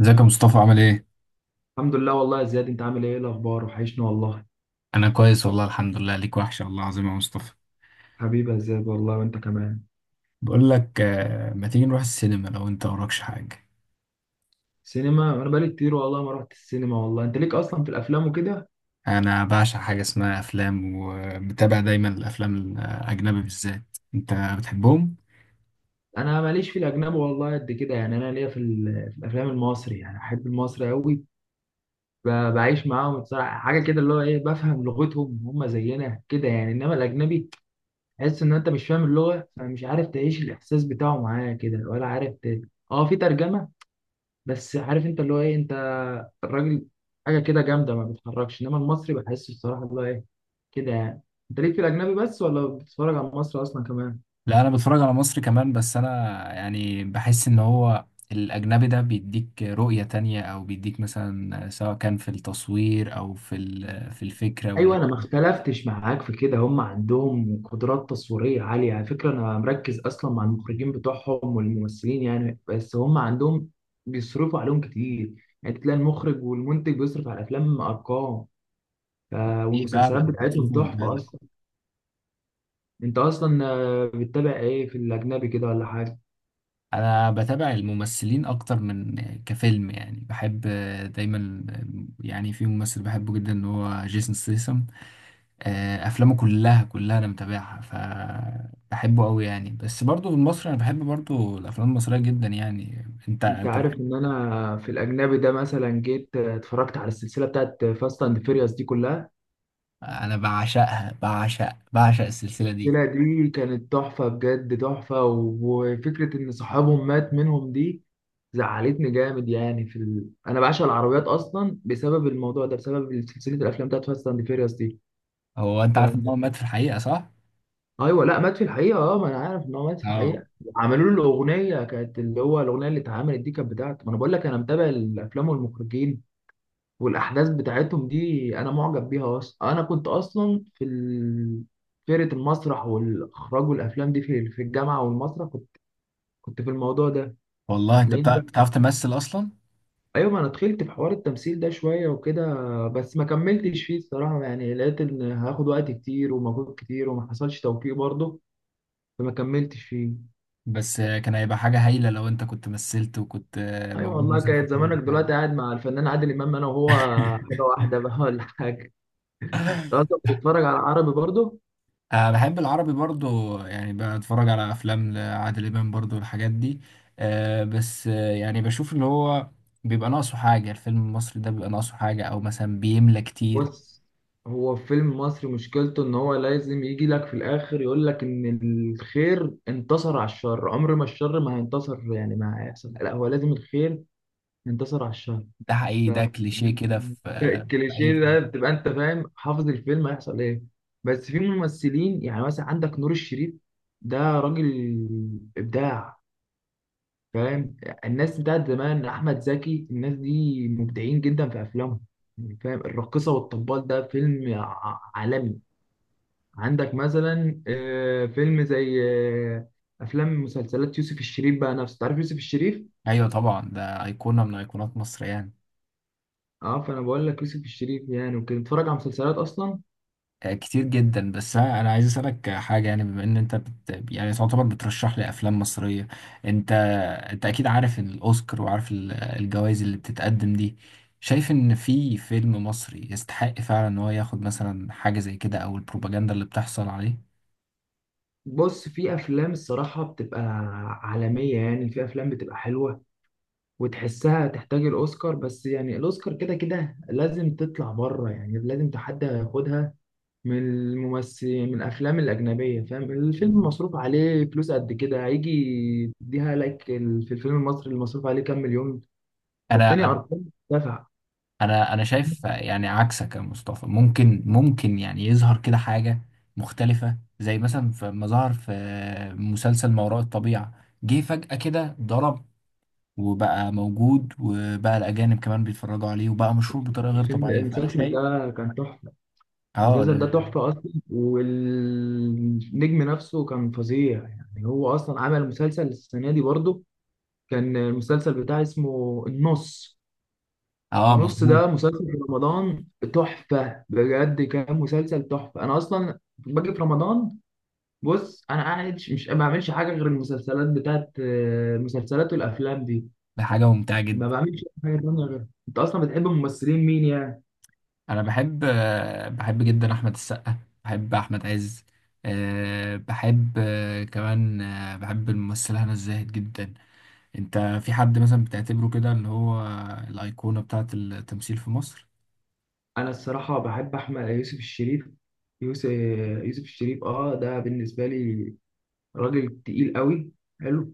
ازيك يا مصطفى؟ عامل ايه؟ الحمد لله والله يا زياد، انت عامل ايه؟ ايه الاخبار؟ وحشني والله. انا كويس والله، الحمد لله. ليك وحشة والله العظيم يا مصطفى. حبيبي يا زياد والله، وانت كمان. بقول لك ما تيجي نروح السينما لو انت وراكش حاجة؟ سينما؟ انا بقالي كتير والله ما رحت السينما. والله انت ليك اصلا في الافلام وكده. انا بعشق حاجة اسمها افلام، ومتابع دايما الافلام الاجنبي بالذات. انت بتحبهم؟ انا ماليش في الاجنبي والله قد كده، يعني انا ليا في الافلام المصري، يعني احب المصري قوي. بعيش معاهم بصراحه، حاجه كده اللي هو ايه، بفهم لغتهم، هم زينا كده يعني. انما الاجنبي تحس ان انت مش فاهم اللغه، فمش عارف تعيش الاحساس بتاعه معايا كده ولا عارف اه في ترجمه، بس عارف انت اللي هو ايه، انت الراجل حاجه كده جامده ما بتتحركش. انما المصري بحسه الصراحه اللي هو ايه، كده يعني. انت ليك في الاجنبي بس ولا بتتفرج على مصر اصلا كمان؟ لا انا بتفرج على مصري كمان، بس انا بحس ان هو الاجنبي ده بيديك رؤية تانية، او بيديك مثلا سواء كان في التصوير او في في الفكرة ايوه، واللي انا ما اختلفتش معاك في كده، هم عندهم قدرات تصويريه عاليه على فكره. انا مركز اصلا مع المخرجين بتوعهم والممثلين يعني، بس هم عندهم بيصرفوا عليهم كتير. يعني تلاقي المخرج والمنتج بيصرف على الافلام ارقام، فعلا والمسلسلات بتاعتهم بتشوفه من تحفه بالك. اصلا. انت اصلا بتتابع ايه في الاجنبي كده ولا حاجه؟ انا بتابع الممثلين اكتر من كفيلم، يعني بحب دايما، يعني في ممثل بحبه جدا اللي هو جيسون ستيسم. افلامه كلها انا متابعها، فبحبه قوي يعني. بس برضو في مصر انا بحب برضو الافلام المصريه جدا يعني. انت انت انت عارف بتحب؟ ان انا في الاجنبي ده مثلا جيت اتفرجت على السلسله بتاعت فاست اند فيريوس دي كلها. انا بعشقها، بعشق السلسله دي. السلسله دي كانت تحفه بجد تحفه، وفكره ان صاحبهم مات منهم دي زعلتني جامد يعني. انا بعشق العربيات اصلا بسبب الموضوع ده، بسبب سلسله الافلام بتاعت فاست اند فيريوس دي. هو انت ف... عارف ان هو مات في الحقيقه صح؟ ايوه لا مات في الحقيقه، اه ما انا عارف ان هو مات في اه. الحقيقه. عملوا له الاغنيه، كانت اللي هو الاغنيه اللي اتعملت دي كانت بتاعته. ما انا بقول لك، انا متابع الافلام والمخرجين والاحداث بتاعتهم دي، انا معجب بيها اصلا. انا كنت اصلا في فرقه المسرح والاخراج والافلام دي في الجامعه، والمسرح كنت في الموضوع ده، والله انت هتلاقيني بقى. بتعرف تمثل اصلا؟ ايوه، ما انا دخلت في حوار التمثيل ده شويه وكده، بس ما كملتش فيه الصراحه. يعني لقيت ان هاخد وقت كتير ومجهود كتير وما حصلش توفيق برضه، فما كملتش فيه. بس كان هيبقى حاجه هايله لو انت كنت مثلت وكنت ايوه موجود والله مثلا كانت في زمانك دلوقتي قاعد مع الفنان عادل امام انا وهو، الفيلم. حاجه واحده بقى ولا حاجه. انت اصلا بتتفرج على عربي برضه؟ أه بحب العربي برضو يعني، بتفرج على أفلام لعادل إمام برضو الحاجات دي. أه بس يعني بشوف اللي هو بيبقى ناقصه حاجة. الفيلم المصري ده بيبقى ناقصه حاجة، أو مثلا بيملى كتير. بص، هو فيلم مصري مشكلته ان هو لازم يجي لك في الاخر يقول لك ان الخير انتصر على الشر. عمر ما الشر ما هينتصر يعني، ما هيحصل، لا، هو لازم الخير ينتصر على الشر. ده حقيقي، ف... ده كليشيه كده في في الكليشيه أي. ده بتبقى انت فاهم حافظ الفيلم هيحصل ايه. بس في ممثلين يعني، مثلا عندك نور الشريف، ده راجل ابداع فاهم. الناس بتاعت زمان، احمد زكي، الناس دي مبدعين جدا في افلامهم يعني، فاهم. الراقصه والطبال ده فيلم عالمي. عندك مثلا فيلم زي آه، افلام، مسلسلات يوسف الشريف بقى نفسه، تعرف يوسف الشريف؟ أيوة طبعا، ده أيقونة من أيقونات مصر يعني. اه، فانا بقول لك يوسف الشريف يعني وكده، اتفرج على مسلسلات اصلا. كتير جدا. بس أنا عايز اسالك حاجه، يعني بما ان انت يعني تعتبر بترشح لي افلام مصريه. انت انت اكيد عارف الاوسكار وعارف الجوائز اللي بتتقدم دي. شايف ان في فيلم مصري يستحق فعلا ان هو ياخد مثلا حاجه زي كده، او البروباجندا اللي بتحصل عليه؟ بص، في افلام الصراحه بتبقى عالميه يعني، في افلام بتبقى حلوه وتحسها تحتاج الاوسكار. بس يعني الاوسكار كده كده لازم تطلع بره يعني، لازم تحدى ياخدها من الممثلين من الافلام الاجنبيه، فاهم؟ الفيلم مصروف عليه فلوس قد كده، هيجي تديها لك في الفيلم المصري اللي مصروف عليه كام مليون؟ فالتاني انا انا ارقام دفع. انا أنا شايف يعني عكسك يا مصطفى، ممكن يعني يظهر كده حاجه مختلفه، زي مثلا ما ظهر في مسلسل ما وراء الطبيعه. جه فجأة كده ضرب وبقى موجود، وبقى الأجانب كمان بيتفرجوا عليه، وبقى مشهور بطريقة غير طبيعية. فأنا المسلسل شايف. ده كان تحفه، اه المسلسل ده تحفه اصلا، والنجم نفسه كان فظيع يعني. هو اصلا عمل مسلسل السنه دي برضه كان المسلسل بتاعه اسمه النص. اه النص مظبوط. ده مسلسل في رمضان، تحفه بجد، كان مسلسل تحفه. انا اصلا باجي في رمضان، بص، انا قاعد ما بعملش حاجه غير المسلسلات بتاعت المسلسلات والافلام دي، ده حاجة ممتعة ما جدا. بعملش حاجه تانية غيرها. انت اصلا بتحب ممثلين مين يعني؟ أنا بحب بحب جدا أحمد السقا، بحب أحمد عز، أه بحب، أه كمان أه بحب الممثلة هنا الزاهد جدا. أنت في حد مثلا بتعتبره كده اللي هو الأيقونة بتاعة التمثيل في مصر؟ انا الصراحه بحب احمد آه، يوسف الشريف، يوسف يوسف الشريف. اه، ده بالنسبه لي راجل تقيل قوي، حلو.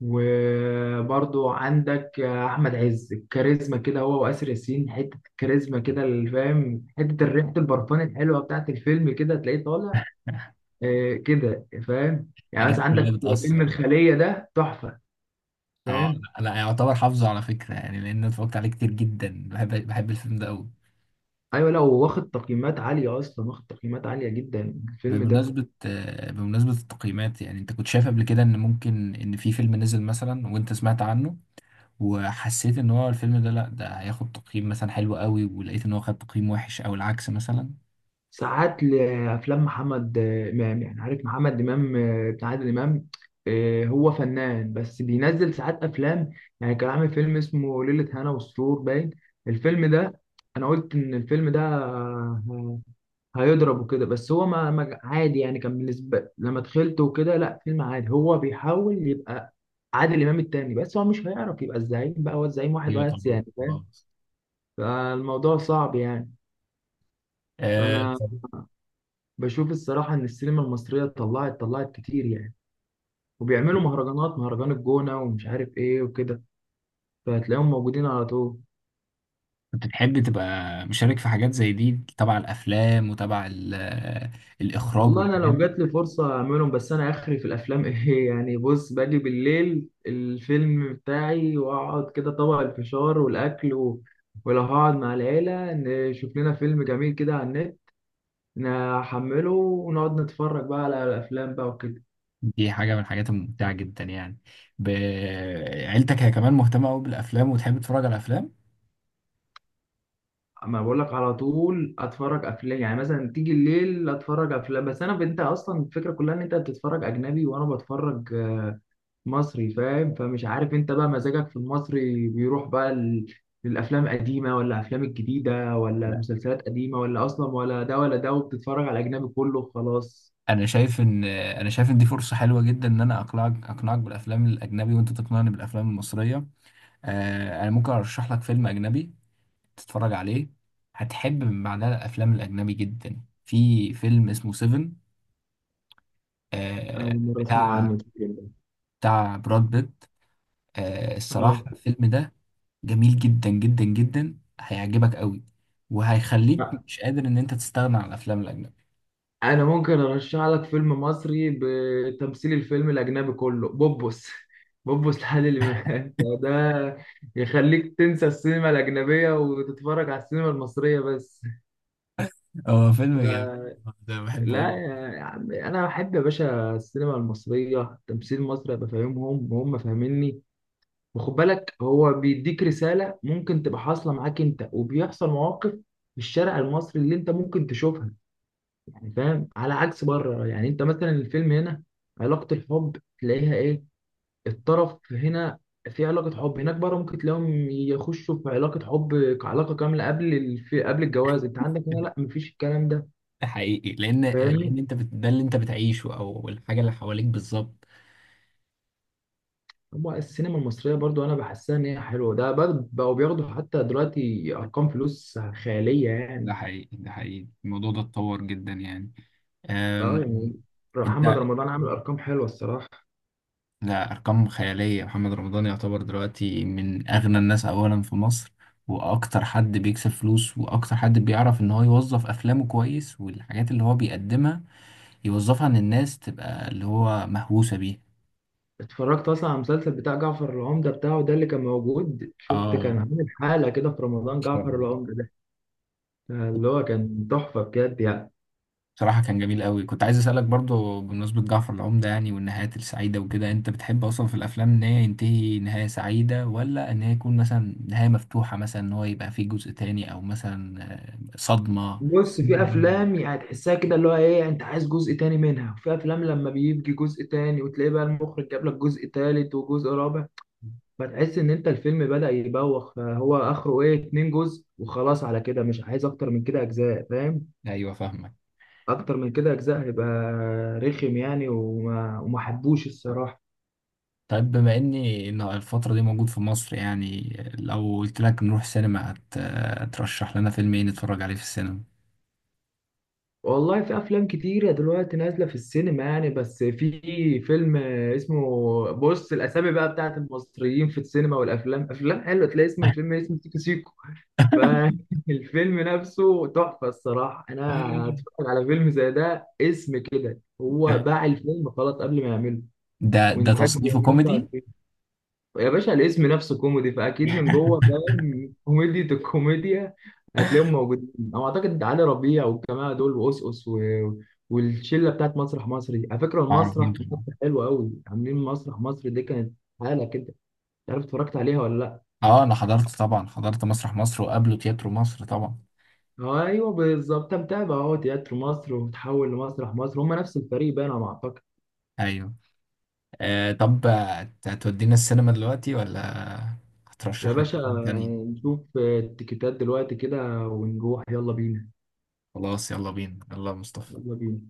وبرضو عندك احمد عز، الكاريزما كده، هو واسر ياسين حته الكاريزما كده اللي فاهم، حته ريحه البرفان الحلوه بتاعت الفيلم كده تلاقيه طالع كده فاهم. يعني الحاجات مثلا دي كلها عندك بتأثر. فيلم الخلية ده تحفة، اه. فاهم. لا لا، يعتبر حافظه على فكرة يعني، لأن أنا اتفرجت عليه كتير جدا. بحب الفيلم ده أوي. ايوه، لا هو واخد تقييمات عالية اصلا، واخد تقييمات عالية جدا الفيلم ده. بمناسبة بمناسبة التقييمات، يعني انت كنت شايف قبل كده ان ممكن ان في فيلم نزل مثلا وانت سمعت عنه وحسيت ان هو الفيلم ده لا، ده هياخد تقييم مثلا حلو قوي، ولقيت ان هو خد تقييم وحش، او العكس مثلا؟ ساعات لافلام محمد آه، امام، يعني عارف محمد امام بتاع عادل امام؟ هو فنان، بس بينزل ساعات افلام يعني. كان عامل فيلم اسمه ليلة هنا والسرور باين، الفيلم ده انا قلت ان الفيلم ده هيضرب وكده، بس هو عادي يعني، كان بالنسبة لما دخلته وكده لا، فيلم عادي. هو بيحاول يبقى عادل امام التاني، بس هو مش هيعرف يبقى الزعيم. بقى هو الزعيم واحد ايوه بس طبعا، يعني فاهم، خلاص. فالموضوع صعب يعني. فانا طب. بشوف الصراحه ان السينما المصريه طلعت كتير يعني، وبيعملوا أكيد. مهرجانات، مهرجان الجونه ومش عارف ايه وكده، فهتلاقيهم موجودين على طول. كنت تحب تبقى مشارك في حاجات زي دي، تبع الافلام وتبع الاخراج والله انا والحاجات لو دي؟ جات لي فرصه اعملهم، بس انا اخري في الافلام ايه يعني، بص، باجي بالليل الفيلم بتاعي واقعد كده طبق الفشار والاكل ولو هقعد مع العيله نشوف لنا فيلم جميل كده على النت، نحمله ونقعد نتفرج بقى على الافلام بقى وكده. دي حاجة من الحاجات الممتعة جدا يعني. ب- عيلتك هي كمان مهتمة قوي بالافلام وتحب تتفرج على الافلام؟ اما بقول لك، على طول اتفرج افلام يعني، مثلا تيجي الليل اتفرج افلام. بس انا، انت اصلا الفكره كلها ان انت بتتفرج اجنبي وانا بتفرج مصري، فاهم؟ فمش عارف انت بقى مزاجك في المصري بيروح بقى للافلام القديمه ولا الافلام الجديده، ولا المسلسلات قديمه ولا اصلا ولا ده ولا ده، وبتتفرج على الاجنبي كله خلاص؟ انا شايف ان دي فرصه حلوه جدا ان انا اقنعك بالافلام الاجنبي وانت تقنعني بالافلام المصريه. آه انا ممكن ارشح لك فيلم اجنبي تتفرج عليه، هتحب من بعدها الافلام الاجنبي جدا. في فيلم اسمه سيفن، اول آه مره اسمع بتاع عنه الفيلم ده. براد بيت. آه اه. الصراحه الفيلم ده جميل جدا، هيعجبك قوي، وهيخليك مش قادر ان انت تستغنى عن الافلام الاجنبي. انا ممكن ارشح لك فيلم مصري بتمثيل الفيلم الاجنبي كله، بوبوس بوبوس لعادل امام، فده يخليك تنسى السينما الاجنبيه وتتفرج على السينما المصريه بس. هو فيلم جميل ف- ده، بحبه لا قوي. يا عم، انا بحب يا باشا السينما المصريه، تمثيل مصري ابقى فاهمهم وهم فاهميني. وخد بالك، هو بيديك رساله ممكن تبقى حاصله معاك انت، وبيحصل مواقف في الشارع المصري اللي انت ممكن تشوفها، يعني فاهم، على عكس بره. يعني انت مثلا الفيلم هنا علاقة الحب تلاقيها ايه، الطرف هنا. في علاقة حب هناك بره ممكن تلاقيهم يخشوا في علاقة حب كعلاقة كاملة قبل قبل الجواز. انت عندك هنا لا، مفيش الكلام ده، ده حقيقي، لان فاهمني. انت ده اللي انت بتعيشه او الحاجه اللي حواليك بالظبط. هو السينما المصرية برضو انا بحسها ان هي حلوة ده بقوا بياخدوا حتى دلوقتي ارقام فلوس خيالية يعني. ده حقيقي، الموضوع ده اتطور جدا يعني. اه أم... يعني انت. محمد رمضان عامل ارقام حلوة الصراحة. لا، ارقام خياليه. محمد رمضان يعتبر دلوقتي من اغنى الناس اولا في مصر، واكتر حد بيكسب فلوس، واكتر حد بيعرف ان هو يوظف افلامه كويس، والحاجات اللي هو بيقدمها يوظفها ان الناس تبقى اللي هو مهووسه بيه. اتفرجت اصلا على المسلسل بتاع جعفر العمدة بتاعه ده اللي كان موجود؟ شفت كان اه، عامل حالة كده في رمضان، ما شاء جعفر الله. العمدة ده اللي هو كان تحفة بجد يعني. بصراحة كان جميل قوي. كنت عايز أسألك برضو بمناسبة جعفر العمدة، يعني والنهايات السعيدة وكده، أنت بتحب أصلا في الأفلام إن هي ينتهي نهاية سعيدة، ولا إن هي يكون مثلا نهاية مفتوحة، مثلا إن هو يبقى فيه جزء تاني، أو مثلا صدمة بص، في كده؟ افلام يعني تحسها كده اللي هو ايه، انت عايز جزء تاني منها. وفي افلام لما بيجي جزء تاني وتلاقي بقى المخرج جاب لك جزء تالت وجزء رابع، فتحس ان انت الفيلم بدأ يبوخ. فهو اخره ايه، اتنين جزء وخلاص، على كده مش عايز اكتر من كده اجزاء فاهم. أيوه فاهمك. اكتر من كده اجزاء هيبقى رخم يعني، وما حبوش الصراحة. طيب بما إني إن الفترة دي موجود في مصر يعني، لو قلت لك نروح سينما، هترشح لنا فيلم إيه نتفرج عليه في السينما؟ والله في افلام كتيره دلوقتي نازله في السينما يعني، بس في فيلم اسمه، بص الاسامي بقى بتاعت المصريين في السينما والافلام، افلام حلوه، تلاقي اسم الفيلم اسمه سيكو سيكو. فالفيلم نفسه تحفه الصراحه، انا اتفرج على فيلم زي ده اسم كده، هو باع الفيلم خلاص قبل ما يعمله. ده ده وانتاج تصنيفه كوميدي؟ 25، يا باشا الاسم نفسه كوميدي، فاكيد من جوه فاهم كوميديا الكوميديا. هتلاقيهم موجودين، او اعتقد علي ربيع والجماعه دول، وأسقس والشله بتاعت مسرح مصر دي. على فكره معروفين المسرح في طبعا. مصر حلو قوي، عاملين مسرح مصر دي كانت حاله كده، مش عارف اتفرجت عليها ولا لا؟ اه انا حضرت طبعا، حضرت مسرح مصر وقبله تياترو مصر طبعا. ايوه بالظبط، متابع اهو، تياترو مصر وتحول لمسرح مصر، هم نفس الفريق بقى انا ما اعتقد. ايوه. آه طب، هتودينا السينما دلوقتي، ولا يا هترشح لنا باشا، افلام تانية؟ نشوف التيكيتات دلوقتي كده ونروح، يلا بينا، خلاص يلا بينا، يلا يا مصطفى. يلا بينا.